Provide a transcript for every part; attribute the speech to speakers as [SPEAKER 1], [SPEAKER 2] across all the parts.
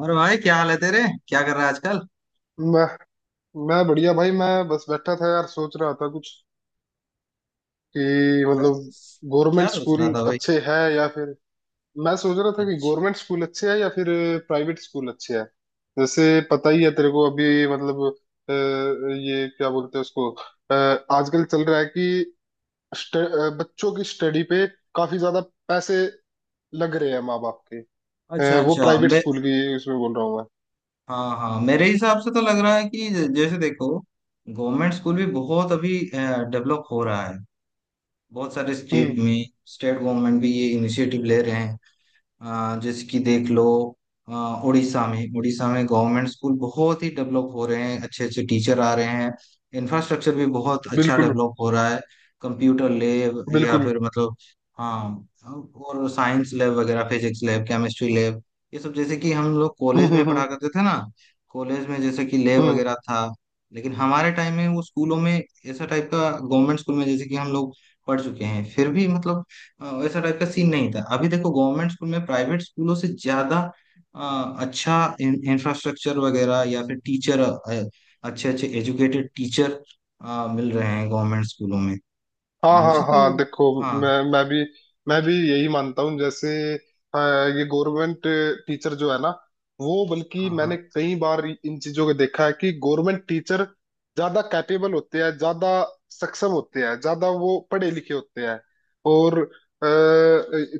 [SPEAKER 1] और भाई क्या हाल है तेरे? क्या कर रहा है आजकल?
[SPEAKER 2] मैं मैं बढ़िया भाई। मैं बस बैठा था यार, सोच रहा था कुछ कि
[SPEAKER 1] क्या?
[SPEAKER 2] मतलब
[SPEAKER 1] क्या
[SPEAKER 2] गवर्नमेंट
[SPEAKER 1] सोच
[SPEAKER 2] स्कूल
[SPEAKER 1] रहा था भाई?
[SPEAKER 2] अच्छे हैं या फिर, मैं सोच रहा था कि
[SPEAKER 1] अच्छा
[SPEAKER 2] गवर्नमेंट स्कूल अच्छे हैं या फिर प्राइवेट स्कूल अच्छे हैं। जैसे पता ही है तेरे को अभी, मतलब अ, ये क्या बोलते हैं उसको, आजकल चल रहा है कि बच्चों की स्टडी पे काफी ज्यादा पैसे लग रहे हैं माँ बाप के।
[SPEAKER 1] अच्छा।
[SPEAKER 2] वो
[SPEAKER 1] अच्छा
[SPEAKER 2] प्राइवेट
[SPEAKER 1] मैं।
[SPEAKER 2] स्कूल की उसमें बोल रहा हूँ मैं।
[SPEAKER 1] हाँ हाँ, मेरे हिसाब से तो लग रहा है कि जैसे देखो, गवर्नमेंट स्कूल भी बहुत अभी डेवलप हो रहा है बहुत सारे
[SPEAKER 2] हम्म।
[SPEAKER 1] स्टेट में। स्टेट गवर्नमेंट भी ये इनिशिएटिव ले रहे हैं। जैसे कि देख लो, अ, उड़ीसा में गवर्नमेंट स्कूल बहुत ही डेवलप हो रहे हैं। अच्छे अच्छे टीचर आ रहे हैं। इंफ्रास्ट्रक्चर भी बहुत अच्छा
[SPEAKER 2] बिल्कुल
[SPEAKER 1] डेवलप हो रहा है। कंप्यूटर लैब या
[SPEAKER 2] बिल्कुल।
[SPEAKER 1] फिर मतलब, हाँ, और साइंस लैब वगैरह, फिजिक्स लैब, केमिस्ट्री लैब, ये सब जैसे कि हम लोग कॉलेज में
[SPEAKER 2] हम्म।
[SPEAKER 1] पढ़ा करते थे ना। कॉलेज में जैसे कि लैब
[SPEAKER 2] हम्म।
[SPEAKER 1] वगैरह था। लेकिन हमारे टाइम में वो स्कूलों में ऐसा टाइप का, गवर्नमेंट स्कूल में जैसे कि हम लोग पढ़ चुके हैं, फिर भी मतलब वैसा टाइप का सीन नहीं था। अभी देखो गवर्नमेंट स्कूल में प्राइवेट स्कूलों से ज्यादा अच्छा इंफ्रास्ट्रक्चर वगैरह या फिर टीचर, अच्छे अच्छे एजुकेटेड टीचर मिल रहे हैं गवर्नमेंट स्कूलों में।
[SPEAKER 2] हाँ हाँ
[SPEAKER 1] मुझे तो
[SPEAKER 2] हाँ, देखो,
[SPEAKER 1] हाँ।
[SPEAKER 2] मैं मैं भी मैं भी यही मानता हूँ। जैसे अ, ये गवर्नमेंट टीचर जो है ना, वो बल्कि
[SPEAKER 1] हाँ हाँ।
[SPEAKER 2] मैंने कई बार इन चीजों को देखा है कि गवर्नमेंट टीचर ज्यादा कैपेबल होते हैं, ज्यादा सक्षम होते हैं, ज्यादा वो पढ़े लिखे होते हैं। और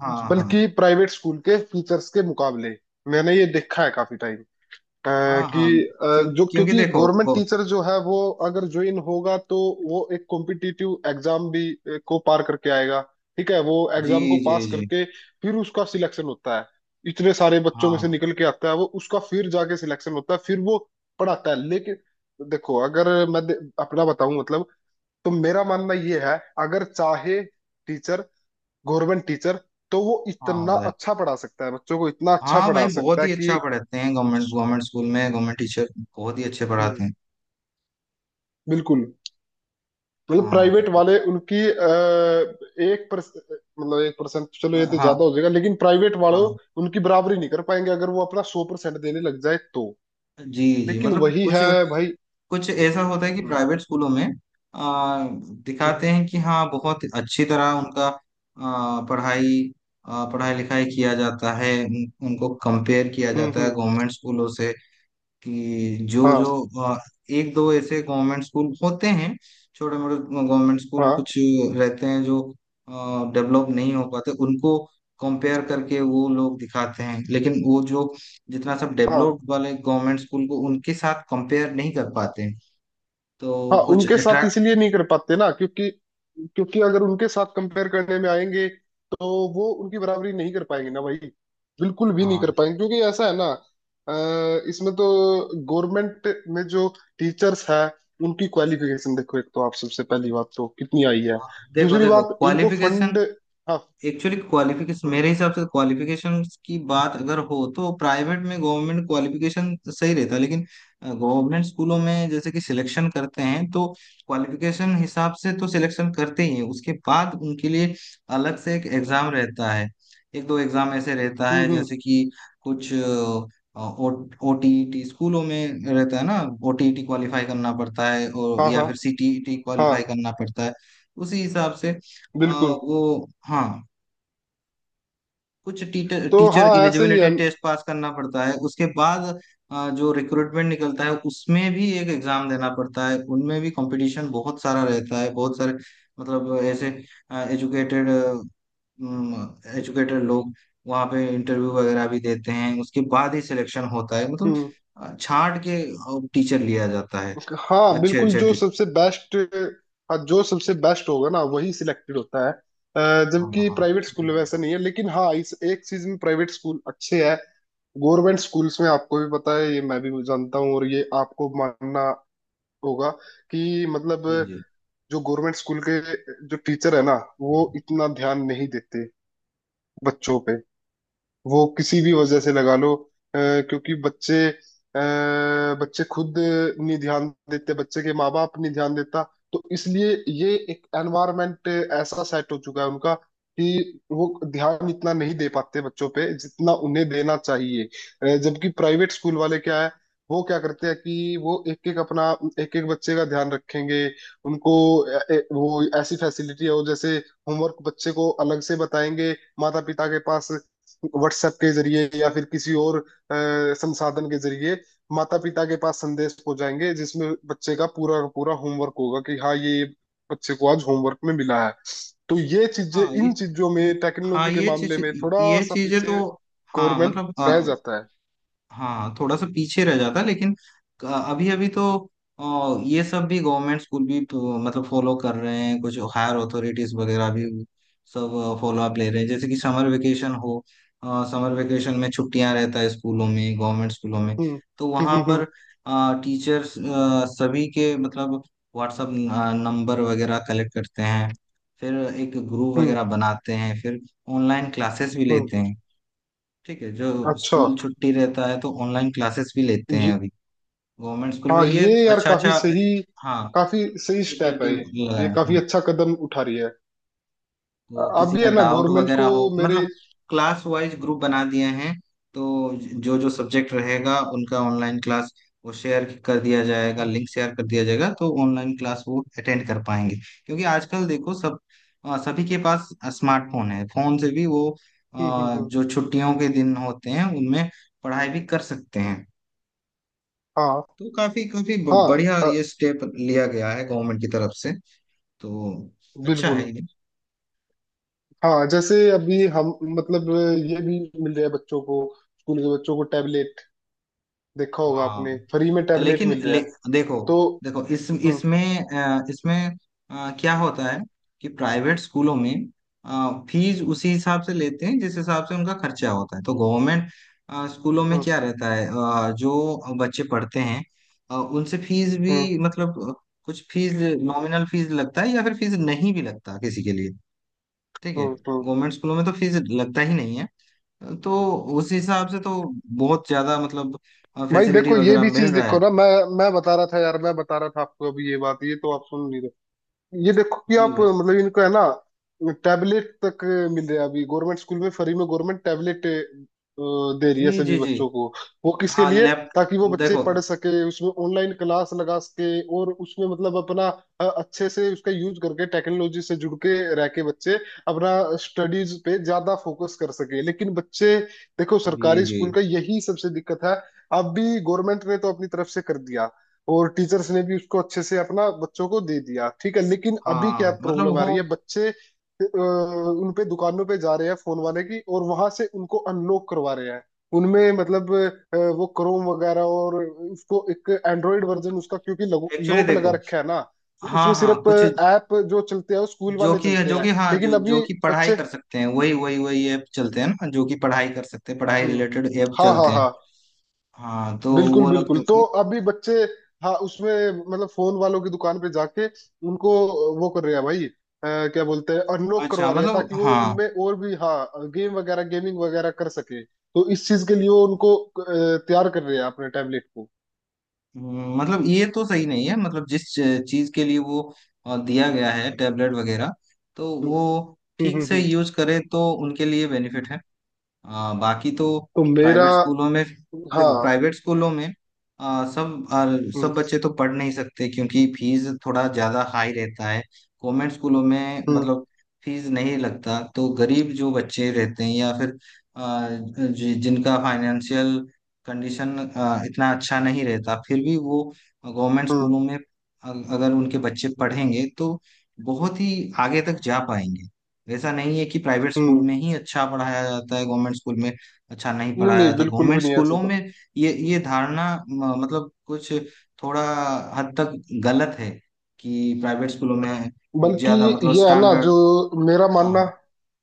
[SPEAKER 1] हाँ हाँ
[SPEAKER 2] बल्कि प्राइवेट स्कूल के टीचर्स के मुकाबले मैंने ये देखा है काफी टाइम अ,
[SPEAKER 1] हाँ
[SPEAKER 2] कि
[SPEAKER 1] हाँ।
[SPEAKER 2] अ,
[SPEAKER 1] क्यों?
[SPEAKER 2] जो,
[SPEAKER 1] क्योंकि
[SPEAKER 2] क्योंकि
[SPEAKER 1] देखो
[SPEAKER 2] गवर्नमेंट टीचर जो है वो अगर ज्वाइन होगा तो वो एक कॉम्पिटिटिव एग्जाम भी को पार करके आएगा। ठीक है, वो
[SPEAKER 1] जी।
[SPEAKER 2] एग्जाम को
[SPEAKER 1] जी
[SPEAKER 2] पास
[SPEAKER 1] जी।
[SPEAKER 2] करके फिर उसका सिलेक्शन होता है। इतने सारे बच्चों में से
[SPEAKER 1] हाँ
[SPEAKER 2] निकल के आता है वो, उसका फिर जाके सिलेक्शन होता है, फिर वो पढ़ाता है। लेकिन देखो, अगर मैं अपना बताऊं मतलब, तो मेरा मानना ये है, अगर चाहे टीचर, गवर्नमेंट टीचर, तो वो
[SPEAKER 1] हाँ,
[SPEAKER 2] इतना
[SPEAKER 1] बताइए।
[SPEAKER 2] अच्छा पढ़ा सकता है बच्चों को, इतना अच्छा
[SPEAKER 1] हाँ भाई,
[SPEAKER 2] पढ़ा
[SPEAKER 1] बहुत
[SPEAKER 2] सकता है
[SPEAKER 1] ही
[SPEAKER 2] कि।
[SPEAKER 1] अच्छा पढ़ाते हैं। गवर्नमेंट गवर्नमेंट स्कूल में गवर्नमेंट टीचर बहुत ही अच्छे पढ़ाते
[SPEAKER 2] हम्म।
[SPEAKER 1] हैं।
[SPEAKER 2] बिल्कुल, मतलब
[SPEAKER 1] हाँ।
[SPEAKER 2] प्राइवेट वाले उनकी एक पर मतलब 1%, चलो ये तो
[SPEAKER 1] हाँ।
[SPEAKER 2] ज्यादा हो जाएगा, लेकिन प्राइवेट वालों
[SPEAKER 1] हाँ।
[SPEAKER 2] उनकी बराबरी नहीं कर पाएंगे अगर वो अपना 100% देने लग जाए तो।
[SPEAKER 1] जी जी,
[SPEAKER 2] लेकिन
[SPEAKER 1] मतलब
[SPEAKER 2] वही
[SPEAKER 1] कुछ,
[SPEAKER 2] है भाई।
[SPEAKER 1] कुछ ऐसा होता है कि
[SPEAKER 2] हम्म
[SPEAKER 1] प्राइवेट स्कूलों में आ, दिखाते
[SPEAKER 2] हम्म
[SPEAKER 1] हैं कि हाँ बहुत अच्छी तरह उनका पढ़ाई पढ़ाई लिखाई किया जाता है। उनको कंपेयर किया
[SPEAKER 2] हम्म।
[SPEAKER 1] जाता है
[SPEAKER 2] हम्म।
[SPEAKER 1] गवर्नमेंट स्कूलों से कि जो
[SPEAKER 2] हाँ
[SPEAKER 1] जो आ, एक दो ऐसे गवर्नमेंट स्कूल होते हैं, छोटे मोटे गवर्नमेंट स्कूल
[SPEAKER 2] हाँ
[SPEAKER 1] कुछ रहते हैं जो डेवलप नहीं हो पाते, उनको कंपेयर करके वो लोग दिखाते हैं। लेकिन वो जो जितना सब
[SPEAKER 2] हाँ।
[SPEAKER 1] डेवलप्ड वाले गवर्नमेंट स्कूल को उनके साथ कंपेयर नहीं कर पाते हैं, तो
[SPEAKER 2] हाँ
[SPEAKER 1] कुछ
[SPEAKER 2] उनके साथ
[SPEAKER 1] अट्रैक्ट।
[SPEAKER 2] इसलिए नहीं कर पाते ना, क्योंकि क्योंकि अगर उनके साथ कंपेयर करने में आएंगे तो वो उनकी बराबरी नहीं कर पाएंगे ना भाई, बिल्कुल भी नहीं कर
[SPEAKER 1] हाँ
[SPEAKER 2] पाएंगे। क्योंकि ऐसा है ना, इसमें तो गवर्नमेंट में जो टीचर्स है उनकी क्वालिफिकेशन देखो, एक तो आप सबसे पहली बात तो कितनी आई है,
[SPEAKER 1] हाँ, देखो
[SPEAKER 2] दूसरी
[SPEAKER 1] देखो
[SPEAKER 2] बात इनको
[SPEAKER 1] क्वालिफिकेशन,
[SPEAKER 2] फंड। हाँ।
[SPEAKER 1] एक्चुअली क्वालिफिकेशन
[SPEAKER 2] हम्म
[SPEAKER 1] मेरे हिसाब से क्वालिफिकेशन की बात अगर हो तो प्राइवेट में गवर्नमेंट क्वालिफिकेशन सही रहता है। लेकिन गवर्नमेंट स्कूलों में जैसे कि सिलेक्शन करते हैं तो क्वालिफिकेशन हिसाब से तो सिलेक्शन करते ही हैं। उसके बाद उनके लिए अलग से एक एग्जाम रहता है। एक दो एग्जाम ऐसे रहता है,
[SPEAKER 2] हम्म।
[SPEAKER 1] जैसे कि कुछ ओटीईटी स्कूलों में रहता है ना, ओटीईटी क्वालिफाई करना पड़ता है और
[SPEAKER 2] हाँ
[SPEAKER 1] या
[SPEAKER 2] हाँ
[SPEAKER 1] फिर सीटीईटी
[SPEAKER 2] हाँ।
[SPEAKER 1] क्वालिफाई करना पड़ता है। उसी हिसाब से
[SPEAKER 2] बिल्कुल।
[SPEAKER 1] वो हाँ, कुछ टीचर,
[SPEAKER 2] तो
[SPEAKER 1] टीचर
[SPEAKER 2] हाँ ऐसे ही
[SPEAKER 1] एलिजिबिलिटी
[SPEAKER 2] है।
[SPEAKER 1] टेस्ट पास करना पड़ता है। उसके बाद जो रिक्रूटमेंट निकलता है उसमें भी एक एग्जाम देना पड़ता है। उनमें भी कंपटीशन बहुत सारा रहता है। बहुत सारे मतलब ऐसे एजुकेटेड, एजुकेटेड लोग वहाँ पे इंटरव्यू वगैरह भी देते हैं। उसके बाद ही सिलेक्शन होता है, मतलब
[SPEAKER 2] हम्म।
[SPEAKER 1] छांट के टीचर लिया जाता है।
[SPEAKER 2] हाँ
[SPEAKER 1] अच्छे
[SPEAKER 2] बिल्कुल,
[SPEAKER 1] अच्छे
[SPEAKER 2] जो
[SPEAKER 1] टीचर।
[SPEAKER 2] सबसे बेस्ट। हाँ जो सबसे बेस्ट होगा ना वही सिलेक्टेड होता है,
[SPEAKER 1] हाँ
[SPEAKER 2] जबकि
[SPEAKER 1] हाँ।
[SPEAKER 2] प्राइवेट स्कूल
[SPEAKER 1] जी
[SPEAKER 2] में
[SPEAKER 1] जी।
[SPEAKER 2] वैसा नहीं है। लेकिन हाँ, इस एक चीज में प्राइवेट स्कूल अच्छे है। गवर्नमेंट स्कूल्स में आपको भी पता है, ये मैं भी जानता हूँ और ये आपको मानना होगा कि मतलब,
[SPEAKER 1] जी जी।
[SPEAKER 2] जो गवर्नमेंट स्कूल के जो टीचर है ना, वो इतना ध्यान नहीं देते बच्चों पे, वो किसी भी वजह से लगा लो। अ, क्योंकि बच्चे खुद नहीं ध्यान देते, बच्चे के माँ बाप नहीं ध्यान देता, तो इसलिए ये एक एनवायरनमेंट ऐसा सेट हो चुका है उनका कि वो ध्यान इतना नहीं दे पाते बच्चों पे जितना उन्हें देना चाहिए। जबकि प्राइवेट स्कूल वाले क्या है, वो क्या करते हैं कि वो एक एक अपना एक एक बच्चे का ध्यान रखेंगे। उनको वो ऐसी फैसिलिटी है, वो जैसे होमवर्क बच्चे को अलग से बताएंगे माता पिता के पास, व्हाट्सएप के जरिए या फिर किसी और संसाधन के जरिए माता पिता के पास संदेश पहुंचाएंगे जिसमें बच्चे का पूरा होमवर्क होगा कि हाँ ये बच्चे को आज होमवर्क में मिला है। तो ये चीजें,
[SPEAKER 1] हाँ ये,
[SPEAKER 2] इन चीजों
[SPEAKER 1] ये-
[SPEAKER 2] में
[SPEAKER 1] हाँ
[SPEAKER 2] टेक्नोलॉजी के
[SPEAKER 1] ये
[SPEAKER 2] मामले
[SPEAKER 1] चीज,
[SPEAKER 2] में थोड़ा
[SPEAKER 1] ये
[SPEAKER 2] सा
[SPEAKER 1] चीजें
[SPEAKER 2] पीछे
[SPEAKER 1] तो, हाँ
[SPEAKER 2] गवर्नमेंट
[SPEAKER 1] मतलब,
[SPEAKER 2] रह जाता है।
[SPEAKER 1] हाँ थोड़ा सा पीछे रह जाता है। लेकिन अभी अभी तो ये सब भी गवर्नमेंट स्कूल भी तो, मतलब फॉलो कर रहे हैं। कुछ हायर अथॉरिटीज वगैरह भी सब फॉलो अप ले रहे हैं। जैसे कि समर वेकेशन हो, समर वेकेशन में छुट्टियां रहता है स्कूलों में, गवर्नमेंट स्कूलों में,
[SPEAKER 2] हम्म
[SPEAKER 1] तो वहां
[SPEAKER 2] हम्म।
[SPEAKER 1] पर टीचर्स सभी के मतलब व्हाट्सअप नंबर वगैरह कलेक्ट करते हैं। फिर एक ग्रुप
[SPEAKER 2] हम्म।
[SPEAKER 1] वगैरह बनाते हैं। फिर ऑनलाइन क्लासेस भी
[SPEAKER 2] हम्म।
[SPEAKER 1] लेते हैं। ठीक है, जो
[SPEAKER 2] अच्छा
[SPEAKER 1] स्कूल छुट्टी रहता है तो ऑनलाइन क्लासेस भी लेते हैं
[SPEAKER 2] ये,
[SPEAKER 1] अभी गवर्नमेंट स्कूल में।
[SPEAKER 2] हाँ
[SPEAKER 1] ये
[SPEAKER 2] ये यार
[SPEAKER 1] अच्छा,
[SPEAKER 2] काफी
[SPEAKER 1] अच्छा,
[SPEAKER 2] सही,
[SPEAKER 1] हाँ,
[SPEAKER 2] काफी सही स्टेप है
[SPEAKER 1] इनिशिएटिव
[SPEAKER 2] ये।
[SPEAKER 1] लगाया
[SPEAKER 2] ये
[SPEAKER 1] है
[SPEAKER 2] काफी
[SPEAKER 1] हाँ।
[SPEAKER 2] अच्छा कदम उठा रही है।
[SPEAKER 1] तो
[SPEAKER 2] अब
[SPEAKER 1] किसी
[SPEAKER 2] भी
[SPEAKER 1] का
[SPEAKER 2] है ना
[SPEAKER 1] डाउट
[SPEAKER 2] गवर्नमेंट
[SPEAKER 1] वगैरह
[SPEAKER 2] को
[SPEAKER 1] हो
[SPEAKER 2] मेरे।
[SPEAKER 1] मतलब, क्लास वाइज ग्रुप बना दिए हैं, तो जो जो सब्जेक्ट रहेगा उनका ऑनलाइन क्लास वो शेयर कर दिया जाएगा,
[SPEAKER 2] हम्म
[SPEAKER 1] लिंक शेयर कर दिया जाएगा। तो ऑनलाइन क्लास वो अटेंड कर पाएंगे क्योंकि आजकल देखो सब सभी के पास स्मार्टफोन है। फोन से भी वो
[SPEAKER 2] हम्म। हम्म।
[SPEAKER 1] जो छुट्टियों के दिन होते हैं उनमें पढ़ाई भी कर सकते हैं।
[SPEAKER 2] हाँ
[SPEAKER 1] तो काफी काफी
[SPEAKER 2] हाँ।
[SPEAKER 1] बढ़िया
[SPEAKER 2] अ,
[SPEAKER 1] ये स्टेप लिया गया है गवर्नमेंट की तरफ से। तो अच्छा
[SPEAKER 2] बिल्कुल।
[SPEAKER 1] है ये।
[SPEAKER 2] हाँ जैसे अभी हम मतलब ये भी मिल रहा है बच्चों को, स्कूल के बच्चों को टैबलेट देखा होगा आपने, फ्री में
[SPEAKER 1] हाँ
[SPEAKER 2] टैबलेट
[SPEAKER 1] लेकिन
[SPEAKER 2] मिल रहा है
[SPEAKER 1] देखो,
[SPEAKER 2] तो।
[SPEAKER 1] देखो इस,
[SPEAKER 2] हम्म
[SPEAKER 1] इसमें इसमें क्या होता है कि प्राइवेट स्कूलों में फीस उसी हिसाब से लेते हैं जिस हिसाब से उनका खर्चा होता है। तो गवर्नमेंट स्कूलों में
[SPEAKER 2] हम्म
[SPEAKER 1] क्या रहता है, जो बच्चे पढ़ते हैं उनसे फीस
[SPEAKER 2] हम्म
[SPEAKER 1] भी मतलब कुछ फीस, नॉमिनल फीस लगता है या फिर फीस नहीं भी लगता किसी के लिए। ठीक है,
[SPEAKER 2] हम्म हम्म।
[SPEAKER 1] गवर्नमेंट स्कूलों में तो फीस लगता ही नहीं है। तो उस हिसाब से तो बहुत ज्यादा मतलब
[SPEAKER 2] भाई
[SPEAKER 1] फैसिलिटी
[SPEAKER 2] देखो, ये
[SPEAKER 1] वगैरह
[SPEAKER 2] भी
[SPEAKER 1] मिल
[SPEAKER 2] चीज
[SPEAKER 1] रहा
[SPEAKER 2] देखो
[SPEAKER 1] है।
[SPEAKER 2] ना, मैं बता रहा था यार, मैं बता रहा था आपको अभी ये बात, ये तो आप सुन नहीं रहे। ये देखो कि
[SPEAKER 1] जी
[SPEAKER 2] आप
[SPEAKER 1] भाई
[SPEAKER 2] मतलब इनको है ना, टैबलेट तक मिल रहे हैं अभी गवर्नमेंट स्कूल में फ्री में। गवर्नमेंट टैबलेट दे रही है
[SPEAKER 1] जी जी
[SPEAKER 2] सभी
[SPEAKER 1] जी।
[SPEAKER 2] बच्चों को। वो किसके
[SPEAKER 1] हाँ
[SPEAKER 2] लिए?
[SPEAKER 1] लैप,
[SPEAKER 2] ताकि वो बच्चे
[SPEAKER 1] देखो।
[SPEAKER 2] पढ़ सके, उसमें ऑनलाइन क्लास लगा सके, और उसमें मतलब अपना अच्छे से उसका यूज करके टेक्नोलॉजी से जुड़ के रह के बच्चे अपना स्टडीज पे ज्यादा फोकस कर सके। लेकिन बच्चे, देखो
[SPEAKER 1] जी
[SPEAKER 2] सरकारी
[SPEAKER 1] जी।
[SPEAKER 2] स्कूल का यही सबसे दिक्कत है, अब भी गवर्नमेंट ने तो अपनी तरफ से कर दिया और टीचर्स ने भी उसको अच्छे से अपना बच्चों को दे दिया, ठीक है, लेकिन अभी क्या
[SPEAKER 1] हाँ मतलब
[SPEAKER 2] प्रॉब्लम आ
[SPEAKER 1] वो,
[SPEAKER 2] रही है। बच्चे उन पे दुकानों पे जा रहे हैं फोन वाले की, और वहां से उनको अनलॉक करवा रहे हैं। उनमें मतलब वो क्रोम वगैरह और उसको एक एंड्रॉइड वर्जन उसका, क्योंकि
[SPEAKER 1] एक्चुअली
[SPEAKER 2] लॉक लगा
[SPEAKER 1] देखो।
[SPEAKER 2] रखा है ना, तो
[SPEAKER 1] हाँ
[SPEAKER 2] उसमें
[SPEAKER 1] हाँ,
[SPEAKER 2] सिर्फ
[SPEAKER 1] कुछ
[SPEAKER 2] ऐप जो चलते हैं वो स्कूल
[SPEAKER 1] जो
[SPEAKER 2] वाले
[SPEAKER 1] कि,
[SPEAKER 2] चलते
[SPEAKER 1] जो
[SPEAKER 2] हैं,
[SPEAKER 1] कि हाँ
[SPEAKER 2] लेकिन
[SPEAKER 1] जो, जो
[SPEAKER 2] अभी
[SPEAKER 1] कि पढ़ाई
[SPEAKER 2] बच्चे।
[SPEAKER 1] कर सकते हैं वही वही वही ऐप चलते हैं ना, जो कि पढ़ाई कर सकते हैं, पढ़ाई
[SPEAKER 2] हम्म।
[SPEAKER 1] रिलेटेड ऐप
[SPEAKER 2] हाँ हाँ
[SPEAKER 1] चलते हैं।
[SPEAKER 2] हाँ,
[SPEAKER 1] हाँ तो
[SPEAKER 2] बिल्कुल
[SPEAKER 1] वो लोग,
[SPEAKER 2] बिल्कुल। तो अभी बच्चे हाँ उसमें मतलब फोन वालों की दुकान पे जाके उनको वो कर रहे हैं भाई, क्या बोलते हैं, अनलॉक
[SPEAKER 1] अच्छा,
[SPEAKER 2] करवा रहे हैं
[SPEAKER 1] मतलब
[SPEAKER 2] ताकि वो
[SPEAKER 1] हाँ,
[SPEAKER 2] उनमें और भी हाँ गेम वगैरह, गेमिंग वगैरह कर सके, तो इस चीज के लिए वो उनको तैयार कर रहे हैं अपने टैबलेट को।
[SPEAKER 1] मतलब ये तो सही नहीं है। मतलब जिस चीज के लिए वो दिया गया है टेबलेट वगैरह, तो
[SPEAKER 2] हम्म
[SPEAKER 1] वो ठीक
[SPEAKER 2] हम्म।
[SPEAKER 1] से
[SPEAKER 2] हम्म।
[SPEAKER 1] यूज करें तो उनके लिए बेनिफिट है। बाकी तो
[SPEAKER 2] तो मेरा।
[SPEAKER 1] प्राइवेट स्कूलों में, देखो
[SPEAKER 2] हाँ।
[SPEAKER 1] प्राइवेट स्कूलों में सब
[SPEAKER 2] हम्म
[SPEAKER 1] सब बच्चे तो पढ़ नहीं सकते क्योंकि फीस थोड़ा ज़्यादा हाई रहता है। कॉन्वेंट स्कूलों में
[SPEAKER 2] हम्म
[SPEAKER 1] मतलब फीस नहीं लगता, तो गरीब जो बच्चे रहते हैं या फिर जिनका फाइनेंशियल कंडीशन इतना अच्छा नहीं रहता, फिर भी वो गवर्नमेंट
[SPEAKER 2] हम्म।
[SPEAKER 1] स्कूलों में अगर उनके बच्चे पढ़ेंगे तो बहुत ही आगे तक जा पाएंगे। ऐसा नहीं है कि प्राइवेट स्कूल
[SPEAKER 2] हम्म।
[SPEAKER 1] में ही अच्छा पढ़ाया जाता है, गवर्नमेंट स्कूल में अच्छा नहीं
[SPEAKER 2] नहीं
[SPEAKER 1] पढ़ाया
[SPEAKER 2] नहीं
[SPEAKER 1] जाता।
[SPEAKER 2] बिल्कुल भी
[SPEAKER 1] गवर्नमेंट
[SPEAKER 2] नहीं ऐसा
[SPEAKER 1] स्कूलों में
[SPEAKER 2] तो।
[SPEAKER 1] ये धारणा मतलब कुछ थोड़ा हद तक गलत है कि प्राइवेट स्कूलों में
[SPEAKER 2] बल्कि
[SPEAKER 1] ज्यादा मतलब
[SPEAKER 2] ये है ना, जो
[SPEAKER 1] स्टैंडर्ड।
[SPEAKER 2] मेरा
[SPEAKER 1] हाँ।
[SPEAKER 2] मानना,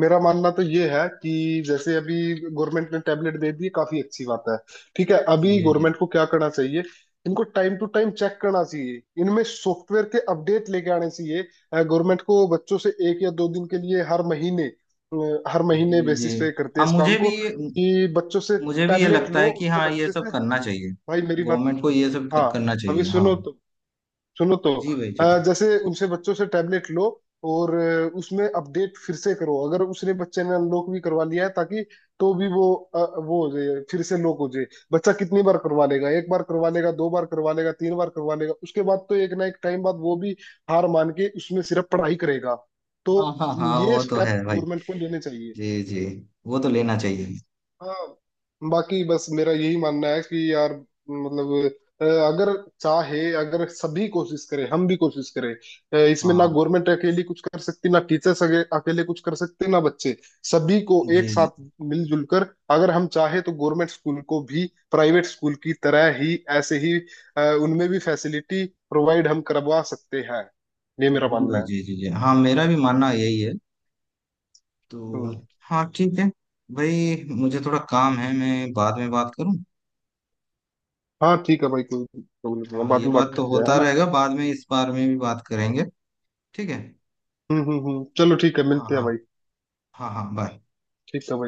[SPEAKER 2] मेरा मानना तो ये है कि जैसे अभी गवर्नमेंट ने टैबलेट दे दी, काफी अच्छी बात है, ठीक है। अभी
[SPEAKER 1] जी जी।
[SPEAKER 2] गवर्नमेंट को क्या करना चाहिए, इनको टाइम टू टाइम चेक करना चाहिए, इनमें सॉफ्टवेयर के अपडेट लेके आने चाहिए। गवर्नमेंट को बच्चों से एक या दो दिन के लिए हर महीने हर महीने
[SPEAKER 1] जी
[SPEAKER 2] बेसिस
[SPEAKER 1] जी।
[SPEAKER 2] पे करते हैं
[SPEAKER 1] हाँ
[SPEAKER 2] इस
[SPEAKER 1] मुझे
[SPEAKER 2] काम
[SPEAKER 1] भी
[SPEAKER 2] को
[SPEAKER 1] ये,
[SPEAKER 2] कि बच्चों से
[SPEAKER 1] मुझे भी ये
[SPEAKER 2] टैबलेट
[SPEAKER 1] लगता है
[SPEAKER 2] लो,
[SPEAKER 1] कि
[SPEAKER 2] तो
[SPEAKER 1] हाँ ये
[SPEAKER 2] बच्चे
[SPEAKER 1] सब
[SPEAKER 2] से
[SPEAKER 1] करना चाहिए।
[SPEAKER 2] भाई, मेरी बात
[SPEAKER 1] गवर्नमेंट को ये सब
[SPEAKER 2] हाँ
[SPEAKER 1] करना
[SPEAKER 2] अभी
[SPEAKER 1] चाहिए हाँ।
[SPEAKER 2] सुनो तो, सुनो तो,
[SPEAKER 1] जी भाई जी जी।
[SPEAKER 2] जैसे उनसे बच्चों से टैबलेट लो और उसमें अपडेट फिर से करो, अगर उसने बच्चे ने अनलॉक भी करवा लिया है ताकि तो भी वो वो हो जाए, फिर से लॉक हो जाए। बच्चा कितनी बार करवा लेगा? एक बार करवा लेगा, दो बार करवा लेगा, तीन बार करवा लेगा, उसके बाद तो एक ना एक टाइम बाद वो भी हार मान के उसमें सिर्फ पढ़ाई करेगा। तो
[SPEAKER 1] हाँ हाँ हाँ,
[SPEAKER 2] ये
[SPEAKER 1] वो तो
[SPEAKER 2] स्टेप
[SPEAKER 1] है भाई।
[SPEAKER 2] गवर्नमेंट को लेने चाहिए।
[SPEAKER 1] जी जी, वो तो लेना चाहिए।
[SPEAKER 2] हाँ। बाकी बस मेरा यही मानना है कि यार मतलब अगर चाहे, अगर सभी कोशिश करें, हम भी कोशिश करें,
[SPEAKER 1] हाँ
[SPEAKER 2] इसमें ना
[SPEAKER 1] हाँ,
[SPEAKER 2] गवर्नमेंट अकेली कुछ कर सकती, ना टीचर्स अकेले कुछ कर सकते, ना बच्चे। सभी को
[SPEAKER 1] जी
[SPEAKER 2] एक
[SPEAKER 1] जी।
[SPEAKER 2] साथ मिलजुल कर अगर हम चाहे तो गवर्नमेंट स्कूल को भी प्राइवेट स्कूल की तरह ही ऐसे ही उनमें भी फैसिलिटी प्रोवाइड हम करवा सकते हैं। ये मेरा
[SPEAKER 1] जी
[SPEAKER 2] मानना
[SPEAKER 1] भाई
[SPEAKER 2] है।
[SPEAKER 1] जी जी जी, हाँ मेरा भी मानना यही है। तो
[SPEAKER 2] हम्म।
[SPEAKER 1] हाँ ठीक है भाई, मुझे थोड़ा काम है, मैं बाद में बात करूँ।
[SPEAKER 2] हाँ ठीक है भाई, कोई प्रॉब्लम नहीं है,
[SPEAKER 1] हाँ
[SPEAKER 2] बाद
[SPEAKER 1] ये
[SPEAKER 2] में
[SPEAKER 1] बात
[SPEAKER 2] बात
[SPEAKER 1] तो
[SPEAKER 2] करते हैं है
[SPEAKER 1] होता
[SPEAKER 2] ना।
[SPEAKER 1] रहेगा, बाद में इस बारे में भी बात करेंगे। ठीक है।
[SPEAKER 2] चलो ठीक है,
[SPEAKER 1] हाँ
[SPEAKER 2] मिलते हैं
[SPEAKER 1] हाँ।
[SPEAKER 2] भाई।
[SPEAKER 1] हाँ हाँ बाय।
[SPEAKER 2] ठीक है भाई।